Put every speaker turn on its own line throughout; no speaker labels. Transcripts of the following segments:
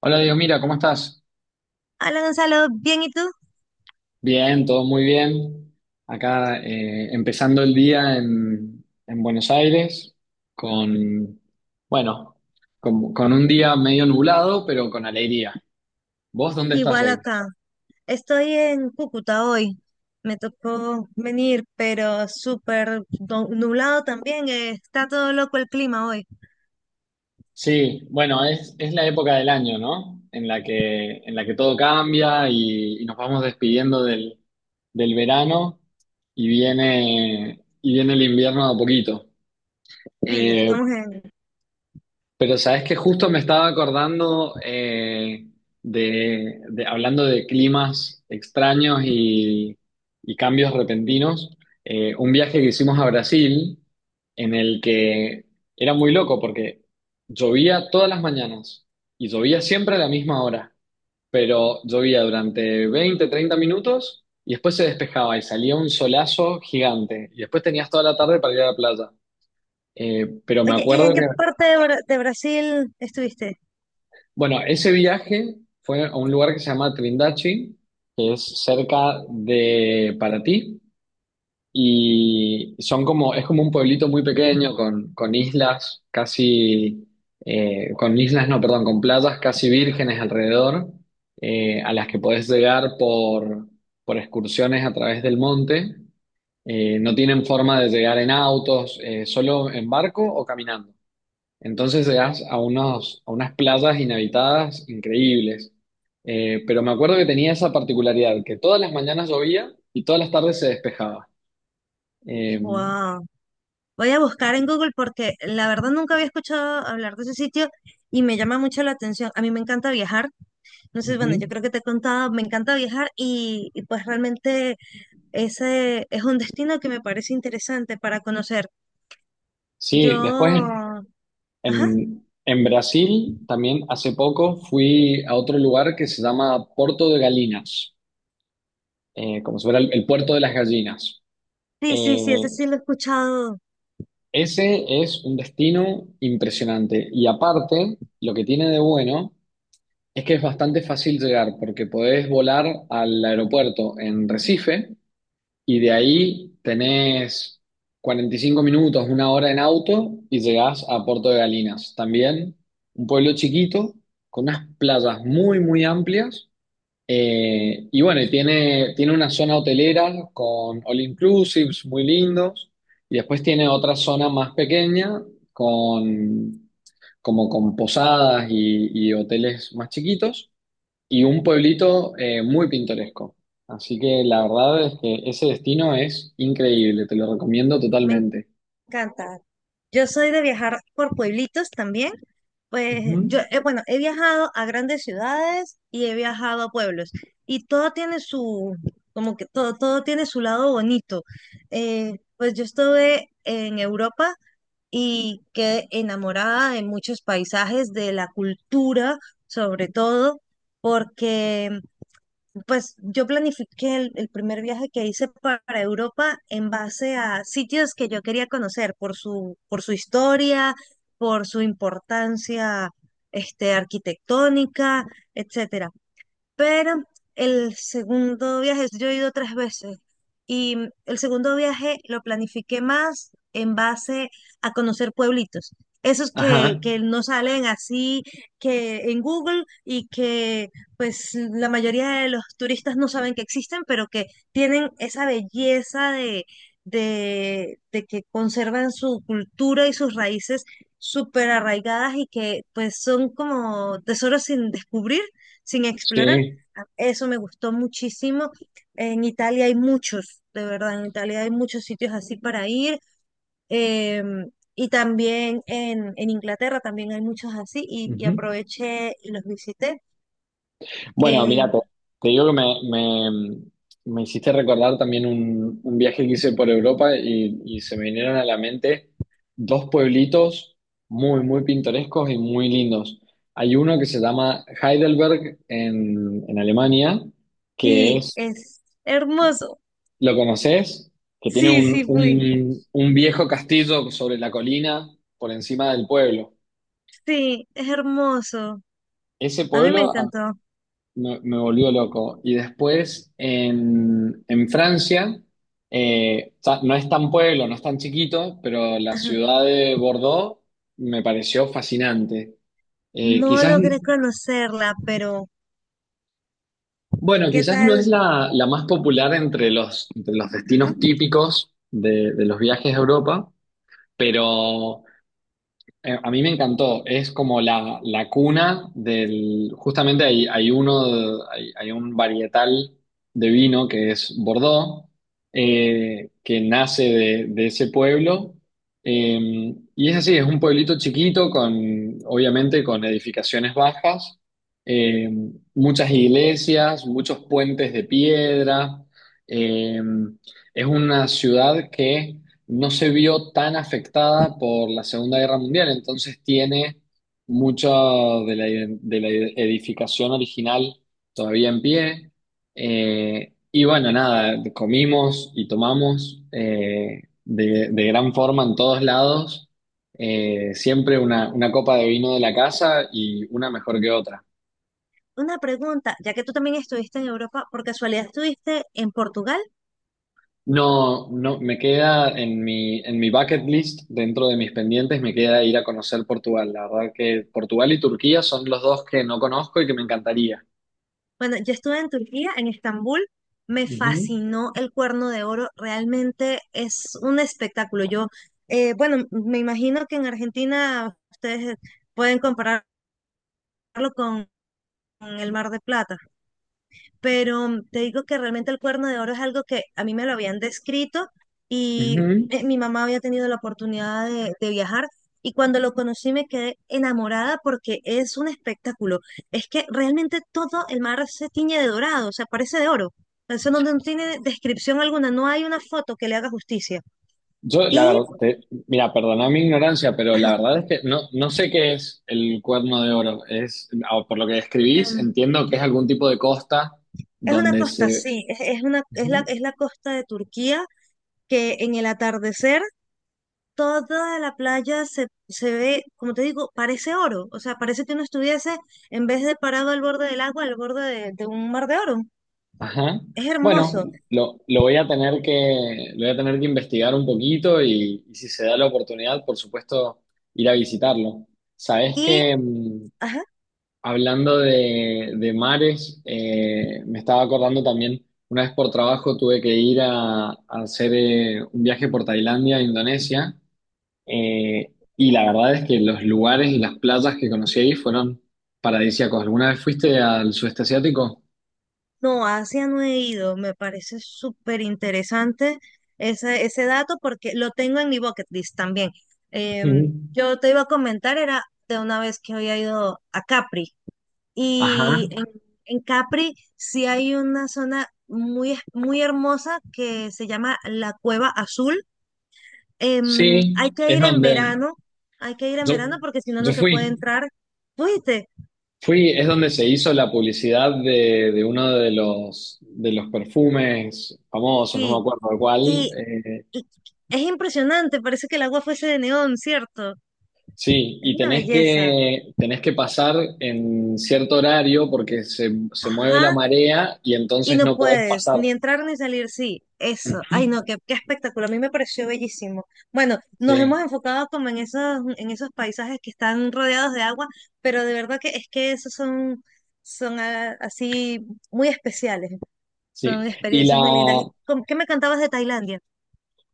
Hola Dios, mira, ¿cómo estás?
Hola Gonzalo, ¿bien y tú?
Bien, todo muy bien. Acá empezando el día en Buenos Aires con, bueno, con un día medio nublado, pero con alegría. ¿Vos dónde estás
Igual
hoy?
acá. Estoy en Cúcuta hoy. Me tocó venir, pero súper nublado también. Está todo loco el clima hoy.
Sí, bueno, es la época del año, ¿no? En la que todo cambia y nos vamos despidiendo del verano y viene el invierno de a poquito.
Sí,
Eh,
estamos en...
Pero sabes que justo me estaba acordando, hablando de climas extraños y cambios repentinos, un viaje que hicimos a Brasil en el que era muy loco porque llovía todas las mañanas y llovía siempre a la misma hora, pero llovía durante 20, 30 minutos y después se despejaba y salía un solazo gigante y después tenías toda la tarde para ir a la playa. Pero me
Oye, ¿y en
acuerdo
qué
que
parte de Brasil estuviste?
Bueno, ese viaje fue a un lugar que se llama Trindachi, que es cerca de Paraty, y son es como un pueblito muy pequeño con, islas casi, con islas, no, perdón, con playas casi vírgenes alrededor, a las que podés llegar por excursiones a través del monte. No tienen forma de llegar en autos, solo en barco o caminando. Entonces llegas a a unas playas inhabitadas increíbles. Pero me acuerdo que tenía esa particularidad, que todas las mañanas llovía y todas las tardes se despejaba. Eh,
Wow. Voy a buscar en Google porque la verdad nunca había escuchado hablar de ese sitio y me llama mucho la atención. A mí me encanta viajar. No sé, bueno,
ujú.
yo creo que te he contado, me encanta viajar y pues realmente ese es un destino que me parece interesante para conocer. Yo,
Sí, después
ajá,
en Brasil también hace poco fui a otro lugar que se llama Porto de Galinas, como si fuera el puerto de las gallinas.
sí, sí, sí, ese
Eh,
sí lo he escuchado,
ese es un destino impresionante y aparte, lo que tiene de bueno es que es bastante fácil llegar porque podés volar al aeropuerto en Recife y de ahí tenés 45 minutos, una hora en auto y llegás a Puerto de Galinas. También un pueblo chiquito con unas playas muy, muy amplias. Y bueno, y tiene una zona hotelera con all inclusives muy lindos. Y después tiene otra zona más pequeña con, como con posadas y hoteles más chiquitos y un pueblito muy pintoresco. Así que la verdad es que ese destino es increíble, te lo recomiendo
me
totalmente.
encanta. Yo soy de viajar por pueblitos también. Pues
Ujú.
yo, bueno, he viajado a grandes ciudades y he viajado a pueblos. Y todo tiene su, como que todo, todo tiene su lado bonito. Pues yo estuve en Europa y quedé enamorada de muchos paisajes, de la cultura, sobre todo, porque pues yo planifiqué el primer viaje que hice para Europa en base a sitios que yo quería conocer por por su historia, por su importancia arquitectónica, etcétera. Pero el segundo viaje, yo he ido 3 veces y el segundo viaje lo planifiqué más en base a conocer pueblitos. Esos
Ajá,
que no salen así que en Google y que pues la mayoría de los turistas no saben que existen, pero que tienen esa belleza de que conservan su cultura y sus raíces súper arraigadas y que pues son como tesoros sin descubrir sin explorar.
sí.
Eso me gustó muchísimo. En Italia hay muchos, de verdad, en Italia hay muchos sitios así para ir. Y también en Inglaterra también hay muchos así y
Ujú.
aproveché y los visité.
Bueno, mira,
Em,
te digo que me, me hiciste recordar también un viaje que hice por Europa y se me vinieron a la mente dos pueblitos muy, muy pintorescos y muy lindos. Hay uno que se llama Heidelberg en Alemania, que
sí,
es...
es hermoso.
¿Lo conoces? Que tiene
Sí, sí, fui.
un viejo castillo sobre la colina por encima del pueblo.
Sí, es hermoso.
Ese
A mí me
pueblo,
encantó.
me volvió loco. Y después en Francia, no es tan pueblo, no es tan chiquito, pero la
Ajá.
ciudad de Bordeaux me pareció fascinante. Eh,
No
quizás,
logré conocerla, pero
bueno,
¿qué
quizás no es
tal?
la más popular entre entre los destinos
Ajá.
típicos de los viajes a Europa. Pero a mí me encantó, es como la cuna del, justamente hay, un varietal de vino que es Bordeaux, que nace de ese pueblo. Y es así, es un pueblito chiquito obviamente, con edificaciones bajas, eh, muchas iglesias, muchos puentes de piedra. Eh, es una ciudad que no se vio tan afectada por la Segunda Guerra Mundial, entonces tiene mucha de la edificación original todavía en pie. Y bueno, nada, comimos y tomamos, de gran forma en todos lados. Siempre una copa de vino de la casa y una mejor que otra.
Una pregunta, ya que tú también estuviste en Europa, ¿por casualidad estuviste en Portugal?
No, no, me queda en mi, bucket list, dentro de mis pendientes, me queda ir a conocer Portugal. La verdad que Portugal y Turquía son los dos que no conozco y que me encantaría.
Bueno, yo estuve en Turquía, en Estambul, me
Ujú,
fascinó el Cuerno de Oro, realmente es un espectáculo. Yo, bueno, me imagino que en Argentina ustedes pueden compararlo con el Mar de Plata pero te digo que realmente el Cuerno de Oro es algo que a mí me lo habían descrito y
ujú.
mi mamá había tenido la oportunidad de viajar y cuando lo conocí me quedé enamorada porque es un espectáculo. Es que realmente todo el mar se tiñe de dorado, o sea, parece de oro. Eso no, no tiene descripción alguna, no hay una foto que le haga justicia.
Yo, la
Y
verdad, mira, perdona mi ignorancia, pero la
ajá,
verdad es que no sé qué es el Cuerno de Oro. Ah, por lo que describís,
em,
entiendo que es algún tipo de costa
es una
donde
costa,
se...
sí, es la costa de Turquía que en el atardecer toda la playa se, se ve, como te digo, parece oro. O sea, parece que uno estuviese, en vez de parado al borde del agua, al borde de un mar de oro.
Ajá.
Es
Bueno,
hermoso.
lo voy a tener que investigar un poquito y si se da la oportunidad, por supuesto, ir a visitarlo. Sabes
Y,
que
ajá,
hablando de mares, me estaba acordando también, una vez por trabajo tuve que ir a hacer, un viaje por Tailandia e Indonesia, y la verdad es que los lugares y las playas que conocí ahí fueron paradisíacos. ¿Alguna vez fuiste al sudeste asiático?
no, a Asia no he ido. Me parece súper interesante ese, ese dato porque lo tengo en mi bucket list también.
Ujú.
Yo te iba a comentar, era de una vez que había ido a Capri.
Ajá.
Y en Capri sí hay una zona muy, muy hermosa que se llama la Cueva Azul.
Sí,
Hay que
es
ir en
donde
verano, hay que ir en
yo,
verano porque si no, no
yo
se puede
fui.
entrar. ¿Fuiste?
Fui, es donde se hizo la publicidad de uno de los, perfumes famosos, no me
Sí.
acuerdo de cuál.
Y, y es impresionante, parece que el agua fuese de neón, ¿cierto?
Sí,
Es
y
una belleza.
tenés que pasar en cierto horario porque se mueve la
Ajá.
marea y
Y
entonces
no
no podés
puedes
pasar.
ni entrar ni salir, sí, eso.
Ujú.
Ay, no, qué, qué espectáculo, a mí me pareció bellísimo. Bueno, nos hemos
Sí,
enfocado como en esos paisajes que están rodeados de agua, pero de verdad que es que esos son, son así muy especiales,
sí.
son
Y
experiencias
la...
muy lindas. ¿Y cómo- qué me cantabas de Tailandia?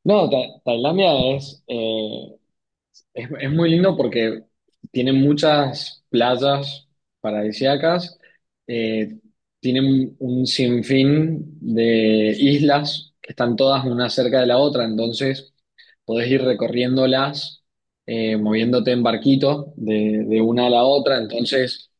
No. Tailandia es muy lindo porque tiene muchas playas paradisíacas. eh, tiene un sinfín de islas que están todas una cerca de la otra, entonces podés ir recorriéndolas, moviéndote en barquito de una a la otra. Entonces,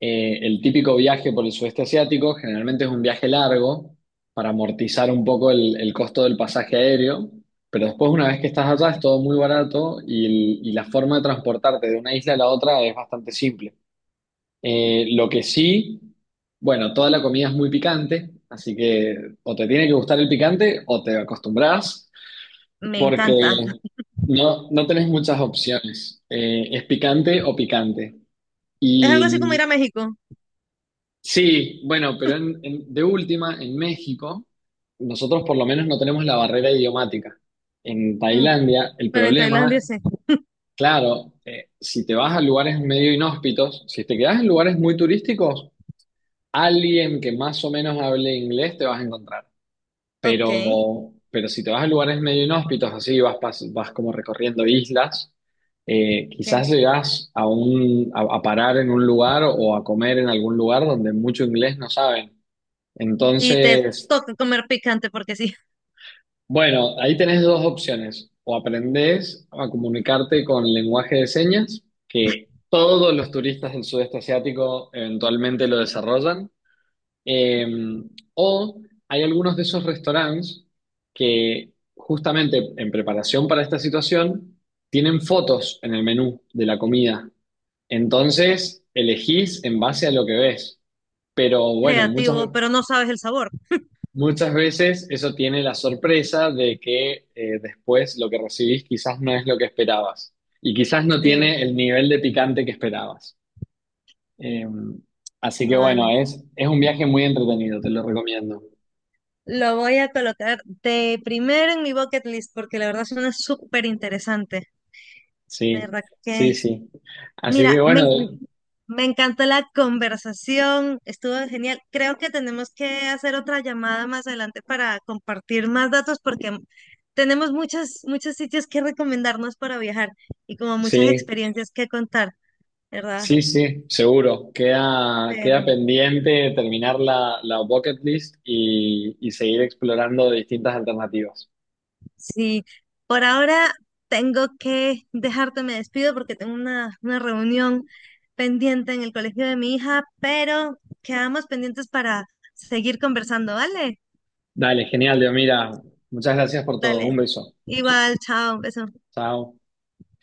el típico viaje por el sudeste asiático generalmente es un viaje largo para amortizar un poco el costo del pasaje aéreo, pero después una vez que estás allá es todo muy barato, y la forma de transportarte de una isla a la otra es bastante simple. Lo que sí, bueno, toda la comida es muy picante, así que o te tiene que gustar el picante o te acostumbras,
Me
porque
encanta.
no tenés muchas opciones. Es picante o picante.
Es algo así como
Y
ir a México.
Sí, bueno, pero de última, en México, nosotros por lo menos no tenemos la barrera idiomática. En
Mm,
Tailandia, el
pero en
problema,
Tailandia sí.
claro, si te vas a lugares medio inhóspitos, si te quedas en lugares muy turísticos, alguien que más o menos hable inglés te vas a encontrar.
Ok,
Pero, si te vas a lugares medio inhóspitos, así vas, vas como recorriendo islas,
ok.
quizás llegás a parar en un lugar o a comer en algún lugar donde mucho inglés no saben.
Y te
Entonces,
toca comer picante porque sí,
bueno, ahí tenés dos opciones. O aprendés a comunicarte con lenguaje de señas, que todos los turistas del sudeste asiático eventualmente lo desarrollan. Eh, o hay algunos de esos restaurantes que justamente en preparación para esta situación tienen fotos en el menú de la comida. Entonces, elegís en base a lo que ves. Pero bueno,
creativo, pero no sabes el sabor.
muchas veces eso tiene la sorpresa de que, después lo que recibís quizás no es lo que esperabas y quizás no
Sí,
tiene el nivel de picante que esperabas. Eh, así que bueno,
vale.
es un viaje muy entretenido, te lo recomiendo.
Lo voy a colocar de primero en mi bucket list porque la verdad suena súper interesante. La
Sí,
verdad que,
sí, sí. Así
mira,
que bueno,
me encantó la conversación, estuvo genial. Creo que tenemos que hacer otra llamada más adelante para compartir más datos porque tenemos muchos, muchos sitios que recomendarnos para viajar y como muchas
sí,
experiencias que contar, ¿verdad?
sí, sí, seguro. Queda
Pero
pendiente terminar la bucket list y seguir explorando distintas alternativas.
sí, por ahora tengo que dejarte, me despido porque tengo una reunión pendiente en el colegio de mi hija, pero quedamos pendientes para seguir conversando, ¿vale?
Dale, genial, Dios, mira, muchas gracias por todo. Un
Dale.
beso.
Igual, chao, un beso.
Chao.